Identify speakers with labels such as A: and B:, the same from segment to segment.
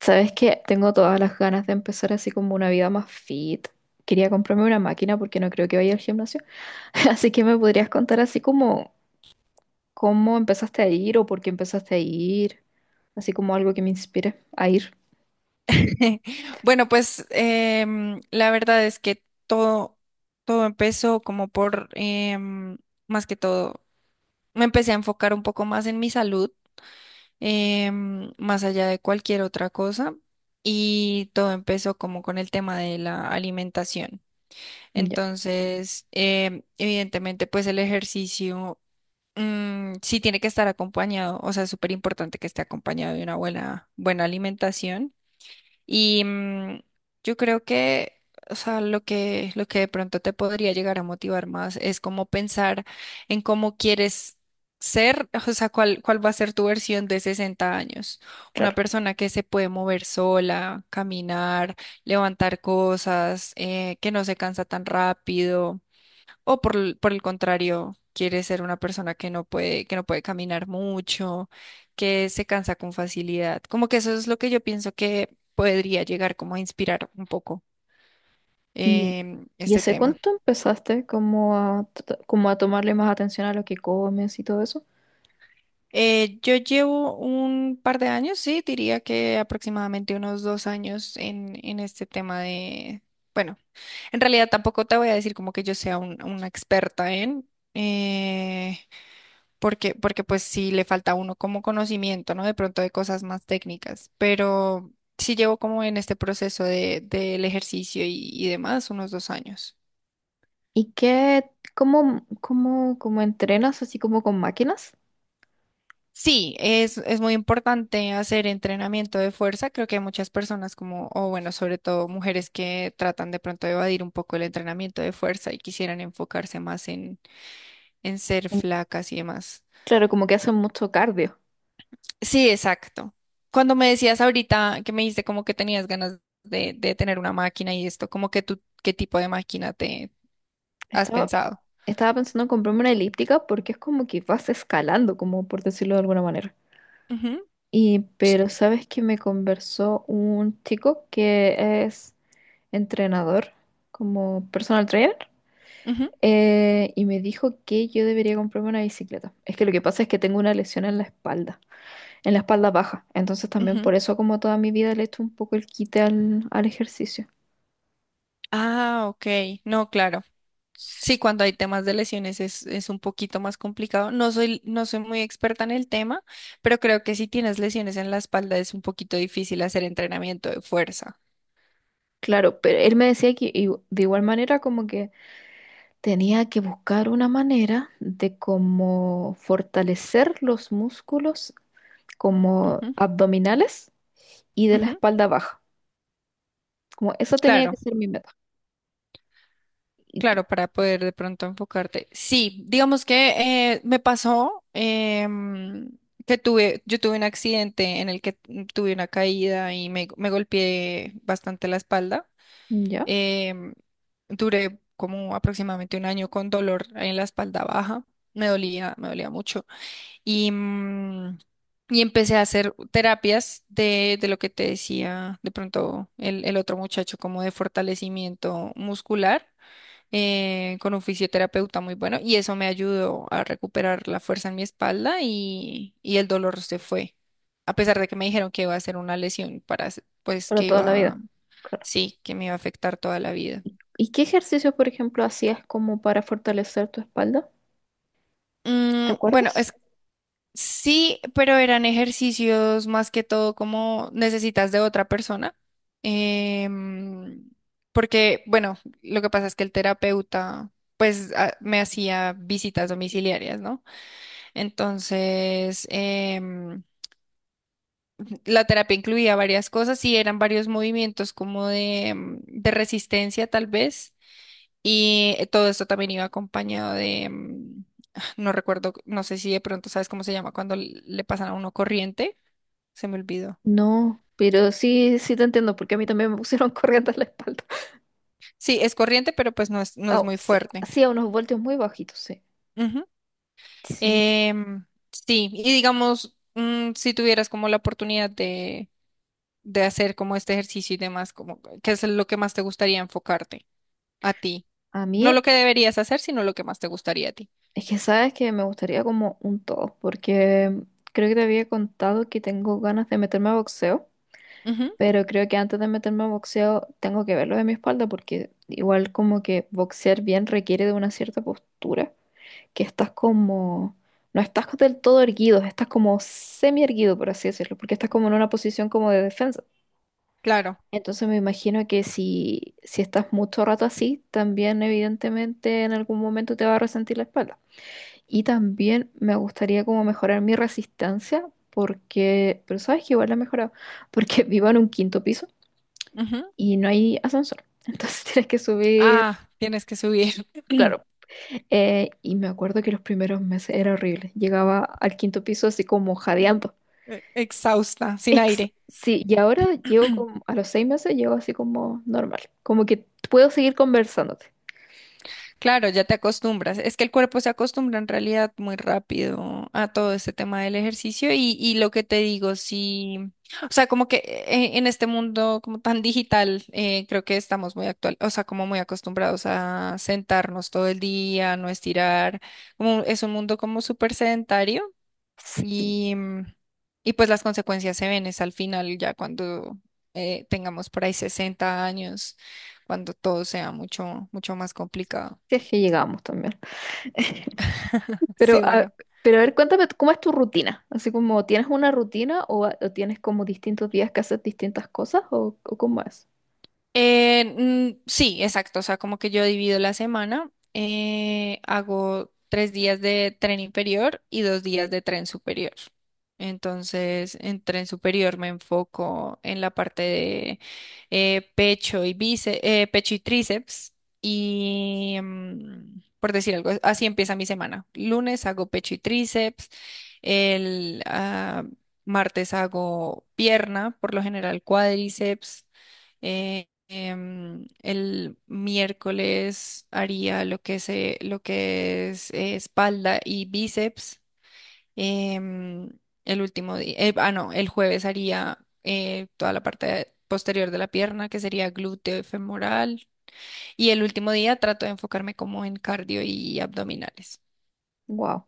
A: Sabes que tengo todas las ganas de empezar así como una vida más fit. Quería comprarme una máquina porque no creo que vaya al gimnasio. Así que me podrías contar así como cómo empezaste a ir o por qué empezaste a ir. Así como algo que me inspire a ir.
B: Bueno, pues la verdad es que todo empezó como por, más que todo, me empecé a enfocar un poco más en mi salud, más allá de cualquier otra cosa, y todo empezó como con el tema de la alimentación.
A: Ya,
B: Entonces, evidentemente, pues el ejercicio sí tiene que estar acompañado, o sea, es súper importante que esté acompañado de una buena, buena alimentación. Y yo creo que, o sea, lo que de pronto te podría llegar a motivar más es como pensar en cómo quieres ser, o sea, cuál va a ser tu versión de 60 años. Una
A: claro.
B: persona que se puede mover sola, caminar, levantar cosas, que no se cansa tan rápido. O por, por el contrario, quiere ser una persona que no puede caminar mucho, que se cansa con facilidad. Como que eso es lo que yo pienso que podría llegar como a inspirar un poco
A: ¿Y, y
B: este
A: hace
B: tema.
A: cuánto empezaste como a, t- como a tomarle más atención a lo que comes y todo eso?
B: Yo llevo un par de años, sí, diría que aproximadamente unos 2 años en este tema de, bueno, en realidad tampoco te voy a decir como que yo sea una experta en... eh, porque, porque pues sí le falta a uno como conocimiento, ¿no? De pronto de cosas más técnicas, pero sí llevo como en este proceso de, del ejercicio y demás unos 2 años.
A: ¿Y qué, cómo entrenas así como con máquinas?
B: Sí, es muy importante hacer entrenamiento de fuerza. Creo que hay muchas personas como, o bueno, sobre todo mujeres que tratan de pronto de evadir un poco el entrenamiento de fuerza y quisieran enfocarse más en ser
A: En-
B: flacas y demás.
A: Claro, como que hacen mucho cardio.
B: Sí, exacto. Cuando me decías ahorita que me dijiste como que tenías ganas de tener una máquina y esto, como que tú, ¿qué tipo de máquina te has
A: Estaba,
B: pensado?
A: Estaba pensando en comprarme una elíptica porque es como que vas escalando, como por decirlo de alguna manera.
B: Ujú,
A: Y pero sabes que me conversó un chico que es entrenador, como personal trainer,
B: ujú,
A: y me dijo que yo debería comprarme una bicicleta. Es que lo que pasa es que tengo una lesión en la espalda baja. Entonces también
B: ujú.
A: por eso como toda mi vida le he hecho un poco el quite al ejercicio.
B: Ah, ok. No, claro. Sí,
A: S-
B: cuando hay temas de lesiones es un poquito más complicado. No soy, no soy muy experta en el tema, pero creo que si tienes lesiones en la espalda es un poquito difícil hacer entrenamiento de fuerza.
A: Claro, pero él me decía que de igual manera como que tenía que buscar una manera de cómo fortalecer los músculos como
B: Ujú,
A: abdominales y de la
B: ujú.
A: espalda baja. Como esa tenía que
B: Claro.
A: ser mi meta. Y tú-
B: Claro, para poder de pronto enfocarte. Sí, digamos que me pasó que tuve, yo tuve un accidente en el que tuve una caída y me golpeé bastante la espalda.
A: ya,
B: Em, duré como aproximadamente un año con dolor en la espalda baja. Me dolía mucho. Y, mm, y empecé a hacer terapias de lo que te decía de pronto el otro muchacho, como de fortalecimiento muscular con un fisioterapeuta muy bueno y eso me ayudó a recuperar la fuerza en mi espalda y el dolor se fue. A pesar de que me dijeron que iba a ser una lesión para, pues
A: para
B: que
A: toda la vida.
B: iba,
A: Claro.
B: sí, que me iba a afectar toda la vida.
A: ¿Y qué ejercicios, por ejemplo, hacías como para fortalecer tu espalda? ¿Te
B: Bueno,
A: acuerdas?
B: es sí, pero eran ejercicios más que todo como necesitas de otra persona. em, porque, bueno, lo que pasa es que el terapeuta, pues, me hacía visitas domiciliarias, ¿no? Entonces, la terapia incluía varias cosas y eran varios movimientos como de, de resistencia tal vez. Y todo esto también iba acompañado de, no recuerdo, no sé si de pronto sabes cómo se llama cuando le pasan a uno corriente. Se me olvidó.
A: No, pero sí, sí te entiendo, porque a mí también me pusieron corriente en la espalda.
B: Sí, es corriente, pero pues no es, no es
A: Oh,
B: muy
A: sí,
B: fuerte.
A: hacía unos voltios muy bajitos, sí.
B: Ujú.
A: Sí,
B: Em, sí, y digamos, si tuvieras como la oportunidad de hacer como este ejercicio y demás, como, ¿qué es lo que más te gustaría enfocarte? A ti.
A: a
B: No
A: mí.
B: lo que deberías hacer, sino lo que más te gustaría a ti.
A: Es que sabes que me gustaría como un todo, porque creo que te había contado que tengo ganas de meterme a boxeo,
B: Ujú,
A: pero creo que antes de meterme a boxeo tengo que verlo de mi espalda, porque igual como que boxear bien requiere de una cierta postura, que estás como, no estás del todo erguido, estás como semi erguido, por así decirlo, porque estás como en una posición como de defensa.
B: claro.
A: Entonces me imagino que si estás mucho rato así, también evidentemente en algún momento te va a resentir la espalda. Y también me gustaría como mejorar mi resistencia, porque, pero sabes que igual la he mejorado, porque vivo en un quinto piso
B: Ujú.
A: y no hay ascensor. Entonces tienes que subir,
B: Ah, tienes que subir
A: claro. Y me acuerdo que los primeros meses era horrible. Llegaba al quinto piso así como jadeando.
B: exhausta, sin aire.
A: Sí, y ahora llego como, a los seis meses llego así como normal. Como que puedo seguir conversándote.
B: Claro, ya te acostumbras. Es que el cuerpo se acostumbra en realidad muy rápido a todo este tema del ejercicio y lo que te digo, sí, o sea, como que en este mundo como tan digital, creo que estamos muy actual, o sea, como muy acostumbrados a sentarnos todo el día, no estirar, como es un mundo como súper sedentario.
A: Sí,
B: Y, mm, y pues las consecuencias se ven es al final, ya cuando tengamos por ahí 60 años, cuando todo sea mucho, mucho más complicado.
A: si es que llegamos también.
B: Sí,
A: Pero a,
B: bueno.
A: pero a ver, cuéntame, ¿cómo es tu rutina? Así como, ¿tienes una rutina o, ah, o tienes como distintos días que haces distintas cosas o cómo es?
B: Eh, sí, exacto. O sea, como que yo divido la semana, hago 3 días de tren inferior y 2 días de tren superior. Entonces, en tren superior me enfoco en la parte de pecho y bíceps, pecho y tríceps. Y por decir algo, así empieza mi semana. Lunes hago pecho y tríceps. El martes hago pierna, por lo general cuádriceps. eh, el miércoles haría lo que se, lo que es espalda y bíceps. em, el último día, ah, no, el jueves haría toda la parte posterior de la pierna, que sería glúteo y femoral. Y el último día trato de enfocarme como en cardio y abdominales.
A: Wow.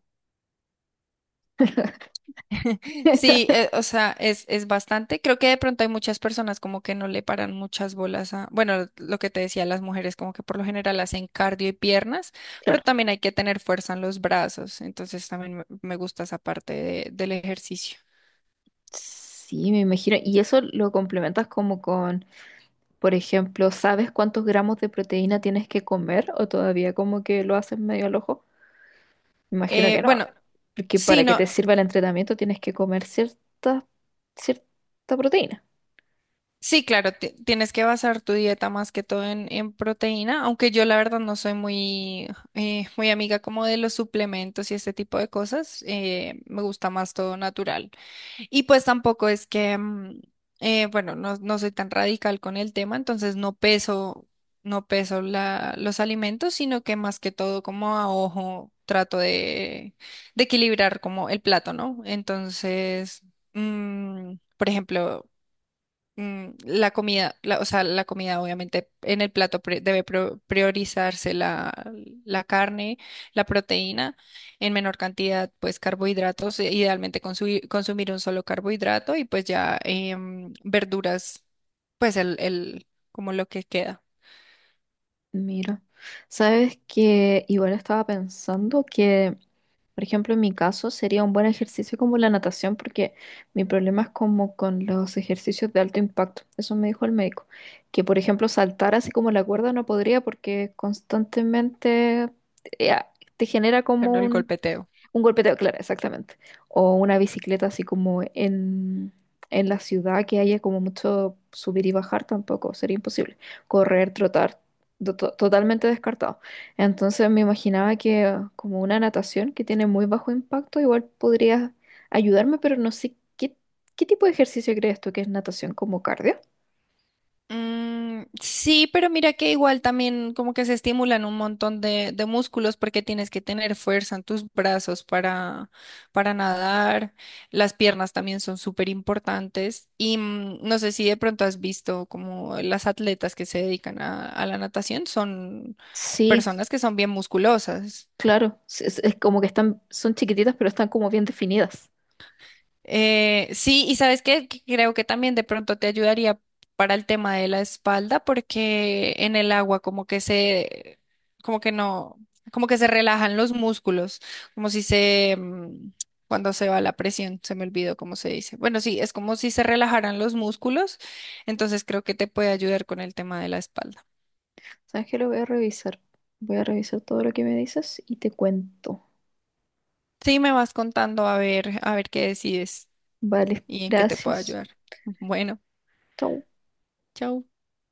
B: Sí, o sea, es bastante. Creo que de pronto hay muchas personas como que no le paran muchas bolas a, bueno, lo que te decía, las mujeres como que por lo general hacen cardio y piernas, pero
A: Claro.
B: también hay que tener fuerza en los brazos. Entonces también me gusta esa parte del ejercicio.
A: Sí, me imagino. Y eso lo complementas como con, por ejemplo, ¿sabes cuántos gramos de proteína tienes que comer o todavía como que lo haces medio al ojo? Me imagino que no,
B: Bueno,
A: porque
B: sí,
A: para que
B: no,
A: te sirva el entrenamiento tienes que comer cierta, cierta proteína.
B: sí, claro, tienes que basar tu dieta más que todo en proteína, aunque yo la verdad no soy muy, muy amiga como de los suplementos y este tipo de cosas. Me gusta más todo natural. Y pues tampoco es que, bueno, no, no soy tan radical con el tema, entonces no peso, no peso la, los alimentos, sino que más que todo como a ojo trato de equilibrar como el plato, ¿no? Entonces, por ejemplo, la comida, o sea, la comida obviamente en el plato debe priorizarse la, la carne, la proteína, en menor cantidad, pues carbohidratos, idealmente consumir, consumir un solo carbohidrato y pues ya verduras, pues el, como lo que queda,
A: Mira, sabes que igual estaba pensando que por ejemplo, en mi caso sería un buen ejercicio como la natación, porque mi problema es como con los ejercicios de alto impacto. Eso me dijo el médico. Que, por ejemplo, saltar así como la cuerda no podría porque constantemente eh, te genera
B: claro,
A: como
B: el
A: un
B: golpeteo.
A: un golpeteo, claro, exactamente. O una bicicleta así como en la ciudad que haya como mucho subir y bajar tampoco, sería imposible. Correr, trotar, totalmente descartado. Entonces me imaginaba que como una natación que tiene muy bajo impacto, igual podría ayudarme, pero no sé qué tipo de ejercicio crees tú que es natación como cardio.
B: Sí, pero mira que igual también como que se estimulan un montón de músculos porque tienes que tener fuerza en tus brazos para nadar. Las piernas también son súper importantes. Y no sé si de pronto has visto como las atletas que se dedican a la natación son
A: Sí,
B: personas que son bien musculosas.
A: claro, es como que están, son chiquititas, pero están como bien definidas.
B: Sí, y sabes qué, que creo que también de pronto te ayudaría para el tema de la espalda, porque en el agua como que se, como que no, como que se relajan los músculos, como si se, cuando se va la presión, se me olvidó cómo se dice. Bueno, sí, es como si se relajaran los músculos, entonces creo que te puede ayudar con el tema de la espalda.
A: ¿Sabes qué? Lo voy a revisar. Voy a revisar todo lo que me dices y te cuento.
B: Sí, me vas contando a ver qué decides
A: Vale,
B: y en qué te puedo
A: gracias.
B: ayudar. Bueno,
A: Chau.
B: chao.